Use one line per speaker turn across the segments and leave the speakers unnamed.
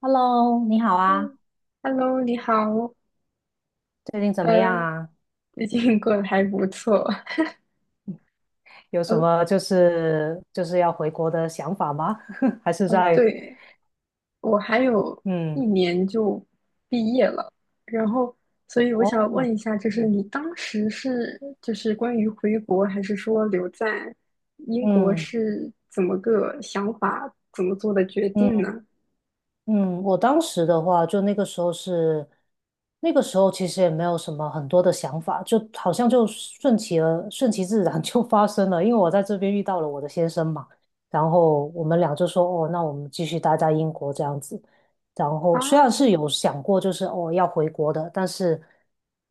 Hello，你好啊，
嗯，Hello,你好。
最近怎么样
呃，
啊？
最近过得还不错。
有什
呃，
么就是要回国的想法吗？还是
哦，
在
对，我还有一
嗯。
年就毕业了，然后，所以我
哦。
想问一下，就是
嗯
你当时是就是关于回国，还是说留在英国
嗯
是怎么个想法，怎么做的决定
嗯
呢？
嗯。我当时的话，就那个时候是，那个时候其实也没有什么很多的想法，就好像就顺其自然 就发生了。因为我在这边遇到了我的先生嘛，然后我们俩就说，哦，那我们继续待在英国这样子。然后虽然是
啊
有想过，就是哦要回国的，但是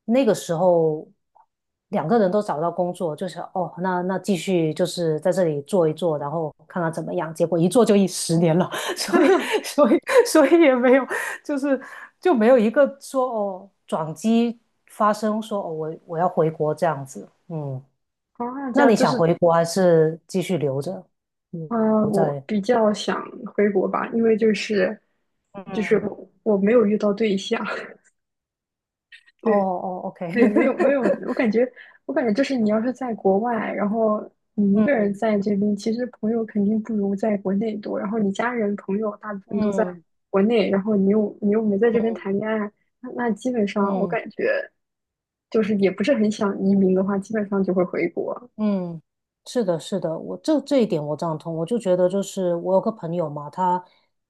那个时候2个人都找到工作，就是哦那继续就是在这里做一做，然后看看怎么样。结果一做就10年了。所以所以所以也没有，就是就没有一个说哦转机发生说哦我要回国这样子，嗯。
这
那
样
你
就
想
是，
回国还是继续留着？嗯。
呃，
留
我
在
比较想回国吧，因为就是我没有遇到对象，
哦
对。
哦，OK。
对，没有没有，我 感觉我感觉就是你要是在国外，然后你一个人
嗯
在这边，其实朋友肯定不如在国内多。然后你家人朋友大部分都在
嗯
国内，然后你又没在这边谈
嗯。
恋爱，那基本上我
嗯
感觉就是也不是很想移民的话，基本上就会回国。
嗯，是的，是的，我这一点我赞同。我就觉得，就是我有个朋友嘛，他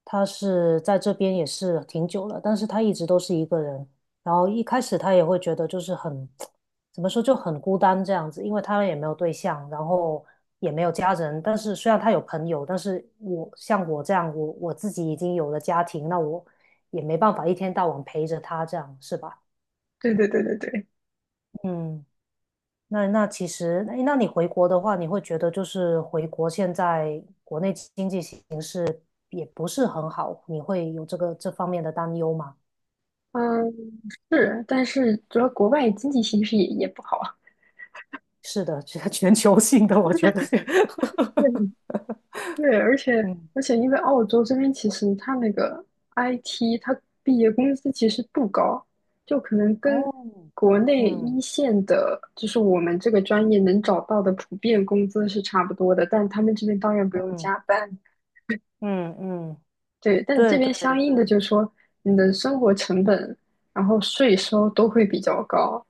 他是在这边也是挺久了，但是他一直都是一个人。然后一开始他也会觉得就是很，怎么说就很孤单这样子，因为他也没有对象，然后也没有家人。但是虽然他有朋友，但是我像我这样，我自己已经有了家庭，那我也没办法一天到晚陪着他这样，是吧？
对对对对对，
嗯。那其实，诶那你回国的话，你会觉得就是回国现在国内经济形势也不是很好，你会有这个这方面的担忧吗？
嗯，是，但是主要国外经济形势也也不好。
是的，这个 全球性的，我觉得。
对 对，而且
嗯。
因为澳洲这边其实它那个 IT,它毕业工资其实不高，就可能跟
哦。
国内一
嗯
线的，就是我们这个专业能找到的普遍工资是差不多的，但他们这边当然不用
嗯
加班，
嗯嗯。
对，但这
对对
边相应的
对。
就是说你的生活成本，然后税收都会比较高，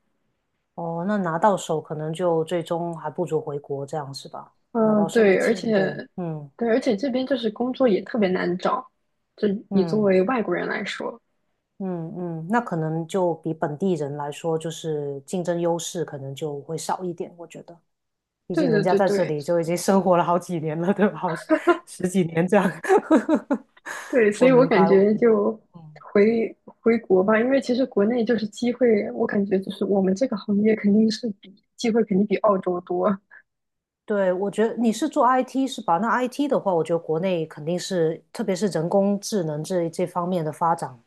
哦，那拿到手可能就最终还不如回国这样是吧？拿到
嗯，
手
对，
的钱，对。嗯
而且这边就是工作也特别难找，就你作
嗯。
为外国人来说。
嗯嗯，那可能就比本地人来说，就是竞争优势可能就会少一点，我觉得，毕
对
竟人
对
家
对
在这
对，
里就已经生活了好几年了，对吧？好十10几年这样。
对，所
我
以我
明
感
白，我
觉
明白。
就
嗯，
回回国吧，因为其实国内就是机会，我感觉就是我们这个行业肯定比澳洲多。
对，我觉得你是做 IT 是吧？那 IT 的话，我觉得国内肯定是，特别是人工智能这方面的发展，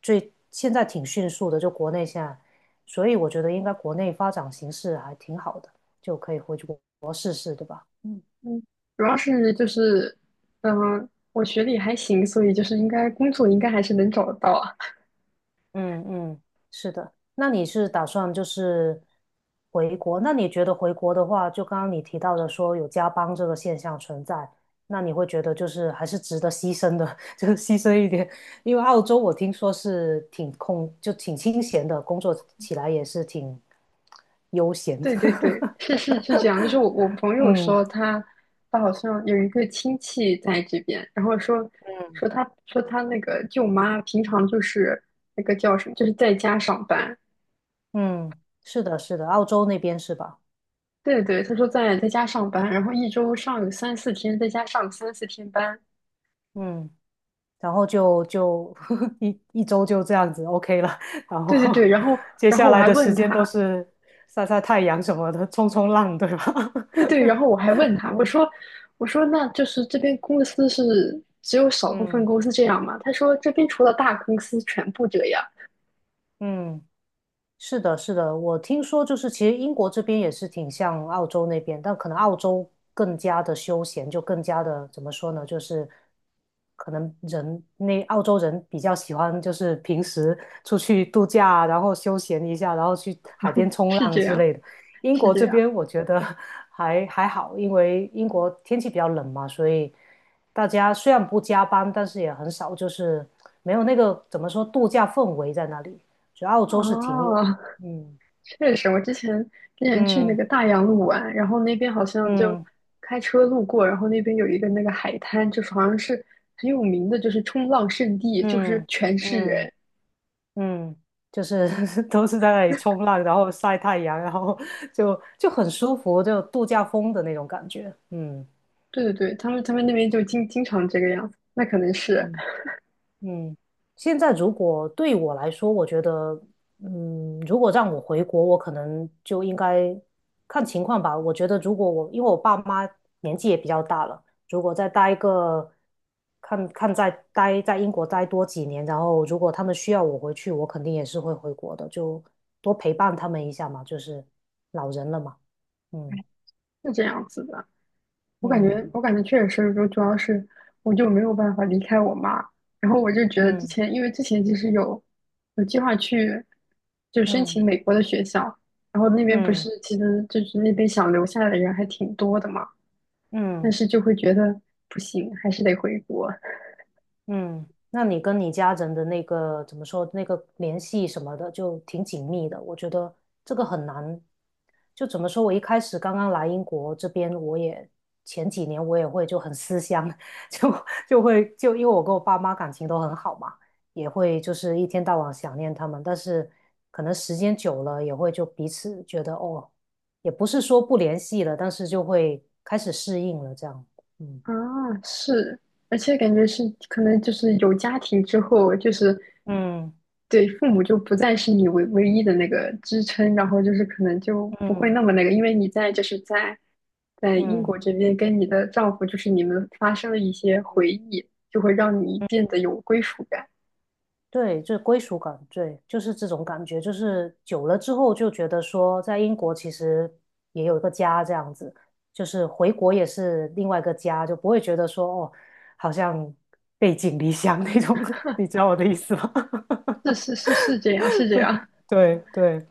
最现在挺迅速的，就国内现在，所以我觉得应该国内发展形势还挺好的，就可以回去国试试，对吧？嗯。
嗯，主要是就是，嗯、我学历还行，所以就是应该工作应该还是能找得到啊。
嗯嗯，是的。那你是打算就是回国？那你觉得回国的话，就刚刚你提到的说有加班这个现象存在，那你会觉得就是还是值得牺牲的，就是牺牲一点。因为澳洲我听说是挺空，就挺清闲的，工作起来也是挺悠闲的。
对对对，是是是这样。就是我朋 友
嗯
说他好像有一个亲戚在这边，然后说
嗯。
说他那个舅妈平常就是那个叫什么，就是在家上班。
嗯，是的，是的，澳洲那边是吧？
对对，他说在家上班，然后一周上个三四天，在家上个三四天班。
嗯。然后就 一周就这样子 OK 了，然
对对
后
对，然后
接
然
下
后我
来
还
的时
问
间都
他，
是晒晒太阳什么的，冲冲浪，对吧？
对对，然后我还问他，我说那就是这边公司是只有 少部分
嗯
公司这样吗？他说这边除了大公司全部这样，
嗯。是的，是的，我听说就是其实英国这边也是挺像澳洲那边，但可能澳洲更加的休闲，就更加的怎么说呢，就是可能那澳洲人比较喜欢就是平时出去度假啊然后休闲一下，然后去海边冲
是
浪
这
之
样，
类的。英
是
国
这
这
样。
边我觉得 还好，因为英国天气比较冷嘛，所以大家虽然不加班，但是也很少就是没有那个怎么说度假氛围在那里。所以澳洲是挺有
哦，
的。嗯
确实，我之前去那
嗯
个大洋路玩，然后那边好像就
嗯
开车路过，然后那边有一个那个海滩，就是好像是很有名的，就是冲浪圣地，就是
嗯
全是
嗯
人。
嗯。就是 都是在那里冲浪，然后晒太阳，然后就很舒服，就度假风的那种感觉。嗯
对对对，他们那边就经常这个样子，那可能是
嗯。嗯，现在如果对我来说，我觉得，嗯，如果让我回国，我可能就应该看情况吧。我觉得，如果我因为我爸妈年纪也比较大了，如果再待一个，看看再待在英国待多几年，然后如果他们需要我回去，我肯定也是会回国的，就多陪伴他们一下嘛，就是老人了嘛。嗯
是这样子的。
嗯
我感觉确实是，就主要是我就没有办法离开我妈。然后我就觉得之
嗯
前，因为之前其实有计划去，就申
嗯
请美国的学校，然后那边不
嗯
是其实就是那边想留下来的人还挺多的嘛，
嗯。
但
嗯
是就会觉得不行，还是得回国。
嗯，那你跟你家人的那个怎么说，那个联系什么的，就挺紧密的。我觉得这个很难，就怎么说，我一开始刚刚来英国这边，前几年我也会就很思乡，就就会因为我跟我爸妈感情都很好嘛，也会就是一天到晚想念他们，但是可能时间久了也会就彼此觉得哦，也不是说不联系了，但是就会开始适应了这样。嗯
啊，是，而且感觉是可能就是有家庭之后，就是
嗯
对父母就不再是你唯一的那个支撑，然后就是可能就不会
嗯
那么那个，因为你在就是在英
嗯。
国这边跟你的丈夫，就是你们发生了一些回忆，就会让你变得有归属感。
对，就是归属感，对，就是这种感觉，就是久了之后就觉得说，在英国其实也有一个家这样子，就是回国也是另外一个家，就不会觉得说哦，好像背井离乡那种。你知道我的意思吗？
是是是是这样，是这样。
对对。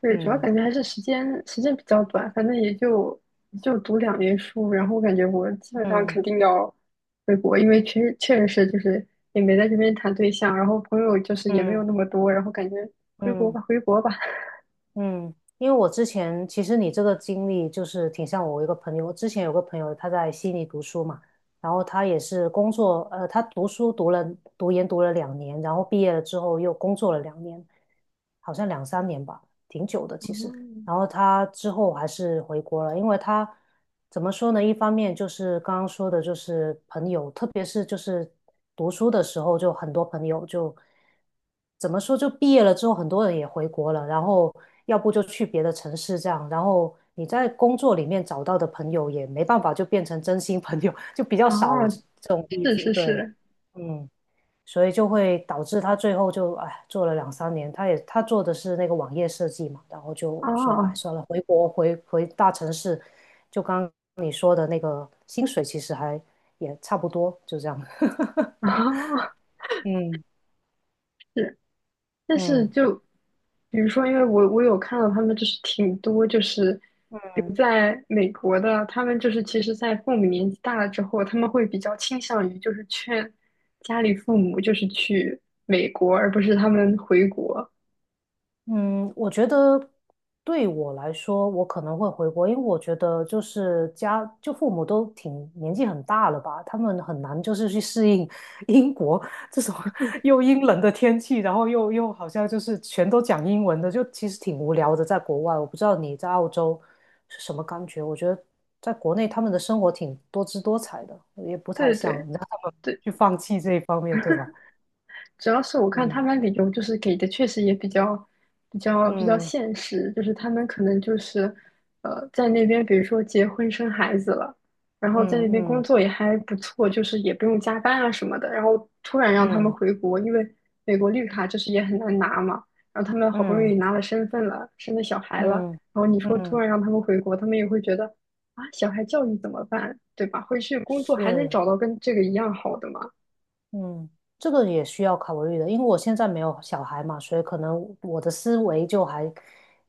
对，主要
嗯
感觉还是时间比较短，反正也就读两年书，然后我感觉我基本上
嗯
肯定要回国，因为确实是就是也没在这边谈对象，然后朋友就是也没有
嗯
那么多，然后感觉回国
嗯。
吧，回国吧。
嗯，因为我之前其实你这个经历就是挺像我一个朋友，我之前有个朋友他在悉尼读书嘛，然后他也是工作，他读研读了两年，然后毕业了之后又工作了两年，好像两三年吧，挺久的其实。然 后他之后还是回国了，因为他怎么说呢？一方面就是刚刚说的，就是朋友，特别是就是读书的时候，就很多朋友就怎么说，就毕业了之后，很多人也回国了，然后要不就去别的城市这样，然后你在工作里面找到的朋友也没办法就变成真心朋友，就比较
哦，
少这
哦，
这种例
是
子，
是
对。
是，
嗯。所以就会导致他最后就哎做了两三年，他做的是那个网页设计嘛，然后就说哎
哦
算了，回国回大城市，就刚刚你说的那个薪水其实还也差不多，就这样。
哦，
嗯
是但是
嗯。
就比如说，因为我有看到他们就是挺多就是留在美国的，他们就是其实，在父母年纪大了之后，他们会比较倾向于就是劝家里父母就是去美国，而不是他们回国。
嗯，我觉得对我来说，我可能会回国，因为我觉得就是家，就父母都挺年纪很大了吧，他们很难就是去适应 英国这种 又阴冷的天气，然后又好像就是全都讲英文的，就其实挺无聊的，在国外。我不知道你在澳洲是什么感觉，我觉得在国内他们的生活挺多姿多彩的，也不太
对
想
对
让他们去放弃这一方面，对吧？
主要是我看
嗯
他们理由就是给的确实也比较
嗯
现实，就是他们可能就是呃在那边，比如说结婚生孩子了，然
嗯
后在那边工
嗯
作也还不错，就是也不用加班啊什么的，然后突然让他
嗯
们
嗯。
回国，因为美国绿卡就是也很难拿嘛，然后他们好不容易
嗯
拿了身份了，生了小孩了，
嗯
然后你说突
嗯。
然让他们回国，他们也会觉得啊小孩教育怎么办，对吧？回去工作还能
是。
找到跟这个一样好的吗？
嗯，这个也需要考虑的，因为我现在没有小孩嘛，所以可能我的思维就还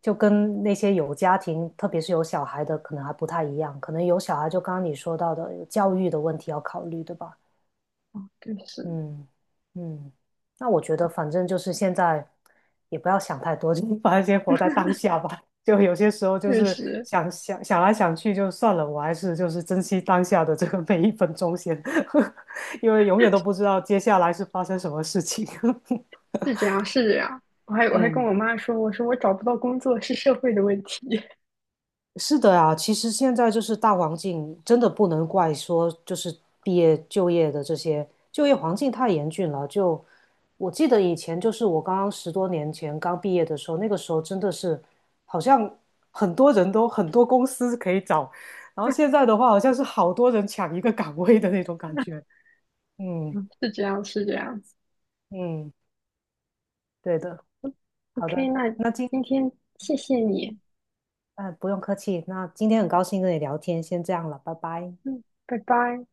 跟那些有家庭，特别是有小孩的，可能还不太一样。可能有小孩，就刚刚你说到的有教育的问题要考虑，对吧？
就是
嗯嗯。那我觉得反正就是现在也不要想太多，就是反正先活在当下吧。就有些时候就
确
是
实。
想来想去就算了，我还是就是珍惜当下的这个每一分钟先，因为永远都不知道接下来是发生什么事情。
是这样，是这样。我还跟
嗯。
我妈说，我说我找不到工作是社会的问题，
是的啊，其实现在就是大环境，真的不能怪说就是毕业就业的这些就业环境太严峻了。就我记得以前就是我刚刚10多年前刚毕业的时候，那个时候真的是好像很多人都很多公司可以找，然后现在的话好像是好多人抢一个岗位的那种感觉。嗯
是这样，是这样子。
嗯。对的。好
OK,
的。
那
那今
今天谢谢你，
嗯,不用客气，那今天很高兴跟你聊天，先这样了，拜拜。
嗯，拜拜。